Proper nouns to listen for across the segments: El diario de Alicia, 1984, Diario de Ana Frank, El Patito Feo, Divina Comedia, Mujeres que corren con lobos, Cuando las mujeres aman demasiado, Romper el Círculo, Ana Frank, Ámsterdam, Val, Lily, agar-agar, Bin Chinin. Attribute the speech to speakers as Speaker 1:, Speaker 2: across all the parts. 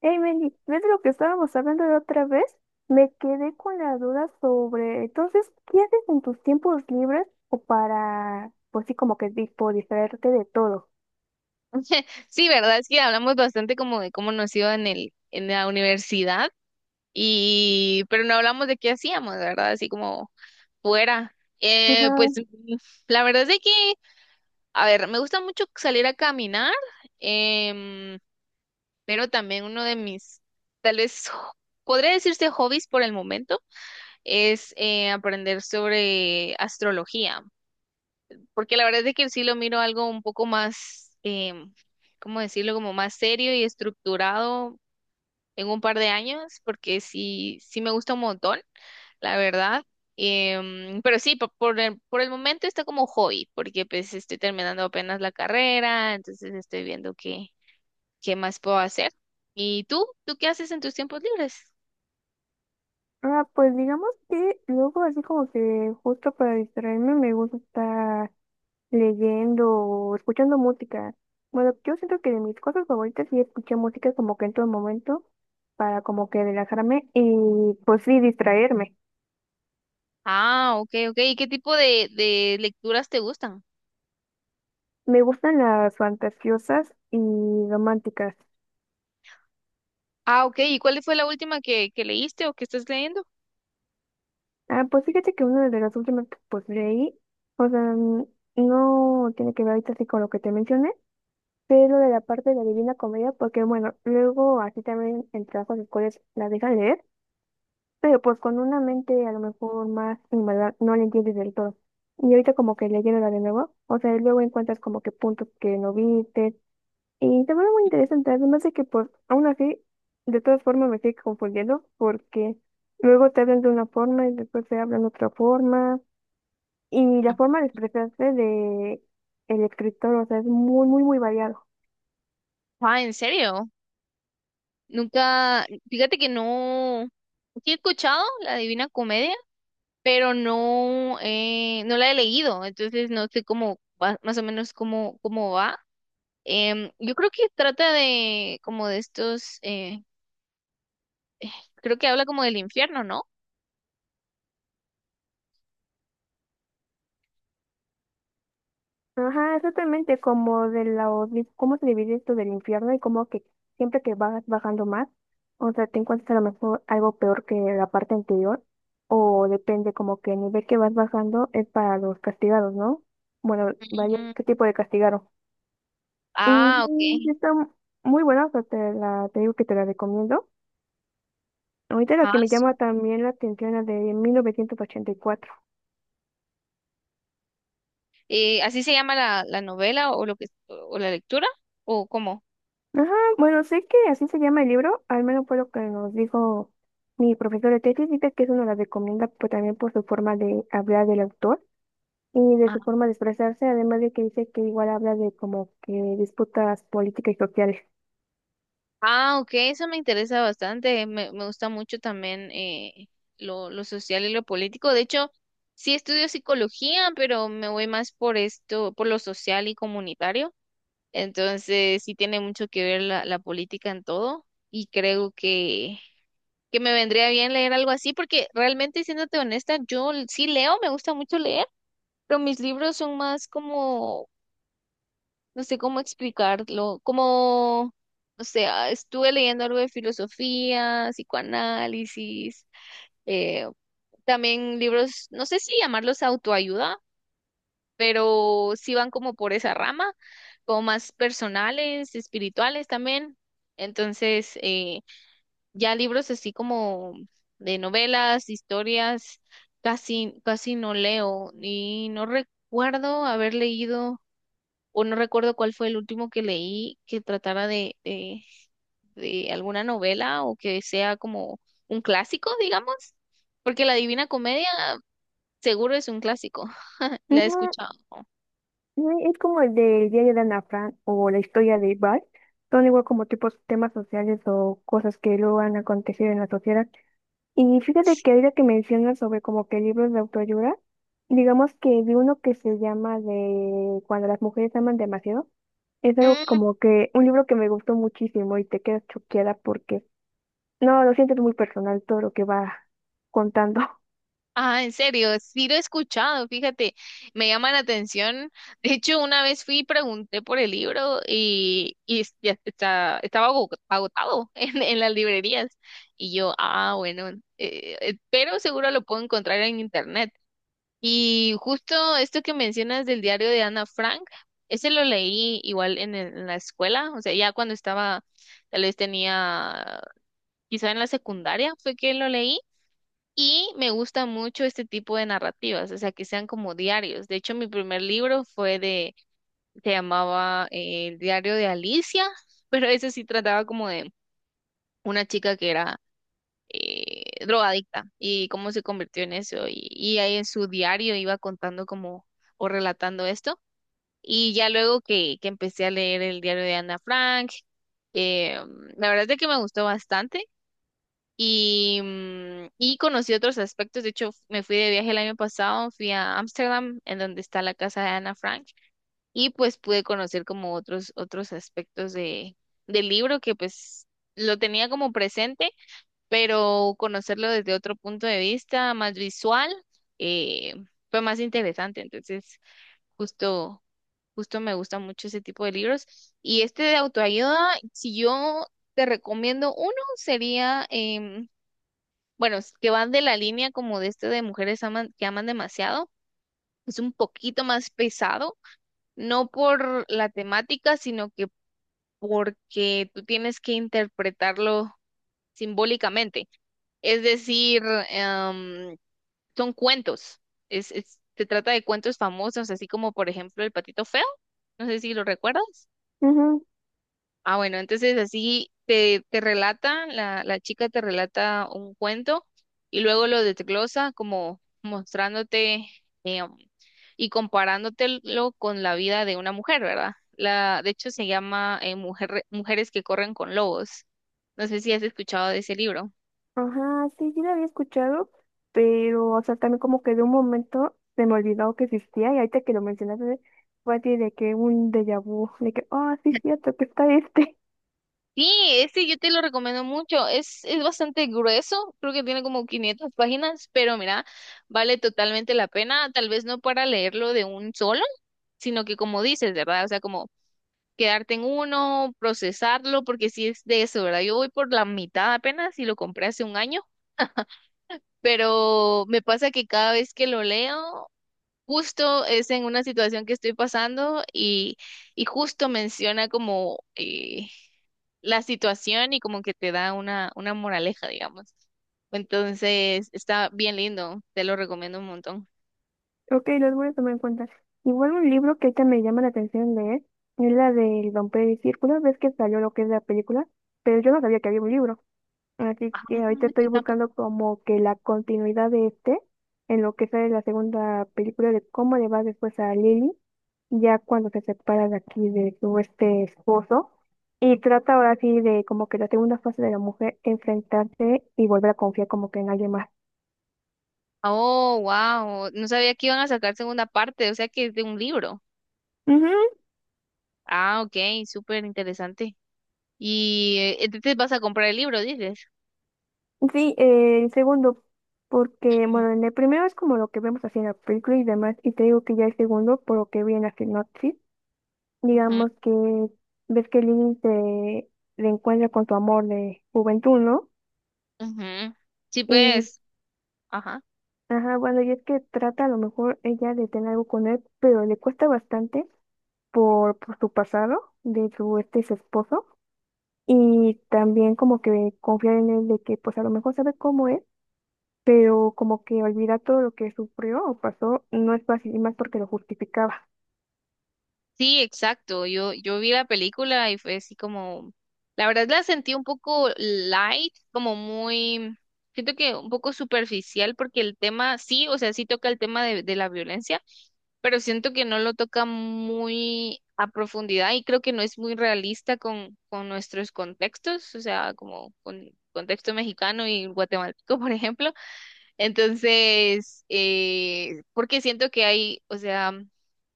Speaker 1: Hey Mandy, ¿ves lo que estábamos hablando la otra vez? Me quedé con la duda sobre, entonces, ¿qué haces en tus tiempos libres o para, pues sí, como que tipo distraerte de todo?
Speaker 2: Sí, ¿verdad? Es que hablamos bastante como de cómo nos iba en la universidad y, pero no hablamos de qué hacíamos, ¿verdad? Así como fuera.
Speaker 1: Ajá.
Speaker 2: La verdad es de que, a ver, me gusta mucho salir a caminar, em, pero también uno de mis, tal vez, podría decirse hobbies por el momento, es aprender sobre astrología. Porque la verdad es que sí lo miro algo un poco más, ¿cómo decirlo? Como más serio y estructurado en un par de años, porque sí, sí me gusta un montón, la verdad. Pero sí, por por el momento está como hobby, porque pues estoy terminando apenas la carrera, entonces estoy viendo qué, qué más puedo hacer. ¿Y tú? ¿Tú qué haces en tus tiempos libres?
Speaker 1: Ah, pues digamos que luego así como que justo para distraerme me gusta estar leyendo o escuchando música. Bueno, yo siento que de mis cosas favoritas sí escuchar música como que en todo momento para como que relajarme y pues sí distraerme.
Speaker 2: Ah, ok, ok. ¿Y qué tipo de lecturas te gustan?
Speaker 1: Me gustan las fantasiosas y románticas.
Speaker 2: Ah, ok. ¿Y cuál fue la última que leíste o que estás leyendo?
Speaker 1: Ah, pues fíjate que una de las últimas que pues leí, o sea, no tiene que ver ahorita así con lo que te mencioné, pero de la parte de la Divina Comedia, porque bueno, luego así también en trabajos escolares la dejan leer, pero pues con una mente a lo mejor más inmadura no la entiendes del todo. Y ahorita como que leyéndola de nuevo, o sea, luego encuentras como que puntos que no viste, y también parece muy interesante, además de que pues aún así, de todas formas me sigue confundiendo porque luego te hablan de una forma y después te hablan de otra forma y la forma de expresarse de el escritor, o sea, es muy variado.
Speaker 2: Ah, ¿en serio? Nunca, fíjate que no, sí he escuchado la Divina Comedia, pero no, no la he leído, entonces no sé más o menos cómo, cómo va. Yo creo que trata de como de estos, creo que habla como del infierno, ¿no?
Speaker 1: Ajá, exactamente como de la, cómo se divide esto del infierno y como que siempre que vas bajando más, o sea, te encuentras a lo mejor algo peor que la parte anterior, o depende como que el nivel que vas bajando es para los castigados, ¿no? Bueno, vaya,
Speaker 2: Mm,
Speaker 1: ¿qué tipo de castigado? Y
Speaker 2: ah,
Speaker 1: sí,
Speaker 2: ok.
Speaker 1: está muy buena, o sea, te la, te digo que te la recomiendo. Ahorita la
Speaker 2: Ah,
Speaker 1: que me llama
Speaker 2: su-
Speaker 1: también la atención, la de 1984.
Speaker 2: ¿Así se llama la novela o lo que o la lectura? ¿O cómo?
Speaker 1: Ajá, bueno, sé que así se llama el libro, al menos fue lo que nos dijo mi profesor de tesis, dice que eso nos la recomienda pues, también por su forma de hablar del autor y de su forma de expresarse, además de que dice que igual habla de como que disputas políticas y sociales.
Speaker 2: Ah, ok, eso me interesa bastante. Me gusta mucho también lo social y lo político. De hecho, sí estudio psicología, pero me voy más por esto, por lo social y comunitario. Entonces, sí tiene mucho que ver la política en todo y creo que me vendría bien leer algo así porque realmente, siéndote honesta, sí leo, me gusta mucho leer, pero mis libros son más como no sé cómo explicarlo, como, o sea, estuve leyendo algo de filosofía, psicoanálisis, eh, también libros, no sé si llamarlos autoayuda, pero sí van como por esa rama, como más personales, espirituales también. Entonces, ya libros así como de novelas, historias, casi, casi no leo y no recuerdo haber leído o no recuerdo cuál fue el último que leí que tratara de alguna novela o que sea como un clásico, digamos, porque La Divina Comedia seguro es un clásico, la he
Speaker 1: Ujú,
Speaker 2: escuchado.
Speaker 1: y es como el del diario de Ana Frank o la historia de Val, son igual como tipos temas sociales o cosas que luego han acontecido en la sociedad. Y fíjate que ahorita que mencionas sobre como que libros de autoayuda, digamos que vi uno que se llama de Cuando las mujeres aman demasiado. Es algo
Speaker 2: Mm,
Speaker 1: como que un libro que me gustó muchísimo y te quedas choqueada porque no, lo sientes muy personal todo lo que va contando.
Speaker 2: ah, en serio, sí lo he escuchado, fíjate, me llama la atención. De hecho, una vez fui y pregunté por el libro y, ya está, agotado en las librerías. Y yo, ah, bueno, pero seguro lo puedo encontrar en internet. Y justo esto que mencionas del diario de Ana Frank, ese lo leí igual en, en la escuela, o sea, ya cuando estaba, tal vez tenía, quizá en la secundaria fue que lo leí. Y me gusta mucho este tipo de narrativas, o sea, que sean como diarios. De hecho, mi primer libro fue de, se llamaba El diario de Alicia, pero ese sí trataba como de una chica que era drogadicta y cómo se convirtió en eso. Y ahí en su diario iba contando como o relatando esto. Y ya luego que empecé a leer el diario de Ana Frank, eh, la verdad es de que me gustó bastante y, mm, y conocí otros aspectos. De hecho, me fui de viaje el año pasado, fui a Ámsterdam, en donde está la casa de Ana Frank, y pues pude conocer como otros, otros aspectos de, del libro que pues lo tenía como presente pero conocerlo desde otro punto de vista más visual eh, fue más interesante. Entonces, justo, justo me gusta mucho ese tipo de libros. Y este de autoayuda, si yo te recomiendo uno, sería, bueno, que van de la línea como de este de que aman demasiado. Es un poquito más pesado, no por la temática, sino que porque tú tienes que interpretarlo simbólicamente. Es decir, em, son cuentos. Es, se trata de cuentos famosos, así como por ejemplo El Patito Feo. No sé si lo recuerdas.
Speaker 1: Ujú.
Speaker 2: Ah, bueno, entonces así te, te relata, la chica te relata un cuento y luego lo desglosa como mostrándote eh, y comparándotelo con la vida de una mujer, ¿verdad? La, de hecho se llama Mujeres que corren con lobos. No sé si has escuchado de ese libro.
Speaker 1: Ajá, sí, sí lo había escuchado, pero, o sea, también como que de un momento se me olvidó que existía y ahorita que lo mencionaste fue así de que un déjà vu, de que, ah, sí, es cierto que está este.
Speaker 2: Sí, este yo te lo recomiendo mucho. Es bastante grueso, creo que tiene como 500 páginas, pero mira, vale totalmente la pena. Tal vez no para leerlo de un solo, sino que como dices, ¿verdad? O sea, como quedarte en uno, procesarlo, porque sí es de eso, ¿verdad? Yo voy por la mitad apenas y lo compré hace un año, pero me pasa que cada vez que lo leo, justo es en una situación que estoy pasando y justo menciona como... la situación y como que te da una moraleja, digamos. Entonces, está bien lindo, te lo recomiendo un montón.
Speaker 1: Ok, los voy a tomar en cuenta. Igual un libro que ahorita me llama la atención leer es la del Romper el Círculo. Ves que salió lo que es la película, pero yo no sabía que había un libro. Así
Speaker 2: Ah,
Speaker 1: que ahorita estoy
Speaker 2: yo tampoco.
Speaker 1: buscando como que la continuidad de este en lo que sale la segunda película de cómo le va después a Lily, ya cuando se separa de aquí de su este esposo. Y trata ahora sí de como que la segunda fase de la mujer enfrentarse y volver a confiar como que en alguien más.
Speaker 2: Oh, wow, no sabía que iban a sacar segunda parte, o sea que es de un libro. Ah, ok, súper interesante. Y entonces vas a comprar el libro, dices.
Speaker 1: Sí, el segundo, porque,
Speaker 2: Ujú,
Speaker 1: bueno, en el primero es como lo que vemos así en la película y demás, y te digo que ya el segundo, por lo que vi en la sinopsis,
Speaker 2: ujú,
Speaker 1: digamos que ves que Lily se reencuentra con su amor de juventud, ¿no?
Speaker 2: ujú. Sí,
Speaker 1: Y,
Speaker 2: pues. Ajá.
Speaker 1: ajá, bueno, y es que trata a lo mejor ella de tener algo con él, pero le cuesta bastante por su pasado, de su este esposo, y también como que confiar en él de que, pues, a lo mejor sabe cómo es pero como que olvida todo lo que sufrió o pasó, no es fácil, y más porque lo justificaba.
Speaker 2: Sí, exacto. Yo vi la película y fue así como, la verdad la sentí un poco light, como muy, siento que un poco superficial porque el tema, sí, o sea, sí toca el tema de la violencia, pero siento que no lo toca muy a profundidad y creo que no es muy realista con nuestros contextos, o sea, como con contexto mexicano y guatemalteco, por ejemplo. Entonces, porque siento que hay, o sea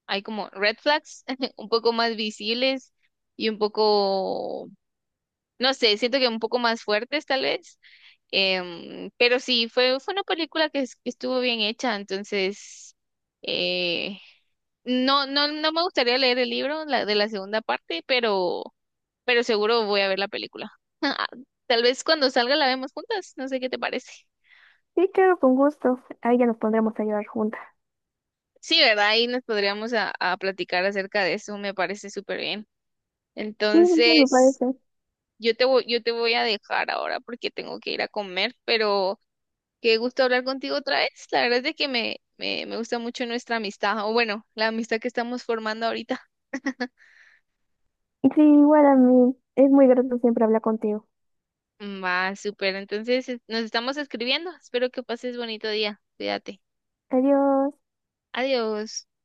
Speaker 2: hay como red flags un poco más visibles y un poco, no sé, siento que un poco más fuertes tal vez. Pero sí, fue, fue una película que estuvo bien hecha, entonces eh, no, no, no me gustaría leer el libro de la segunda parte, pero seguro voy a ver la película. Tal vez cuando salga la vemos juntas, no sé qué te parece.
Speaker 1: Sí, claro, con gusto. Ahí ya nos pondremos a llorar juntas.
Speaker 2: Sí, ¿verdad? Ahí nos podríamos a platicar acerca de eso, me parece súper bien.
Speaker 1: Sí, me
Speaker 2: Entonces,
Speaker 1: parece.
Speaker 2: Yo te voy a dejar ahora porque tengo que ir a comer, pero qué gusto hablar contigo otra vez. La verdad es de que me gusta mucho nuestra amistad, o bueno, la amistad que estamos formando ahorita.
Speaker 1: Sí, igual a mí. Es muy grato siempre hablar contigo.
Speaker 2: Va, súper. Entonces, nos estamos escribiendo. Espero que pases bonito día. Cuídate.
Speaker 1: Adiós.
Speaker 2: Adiós.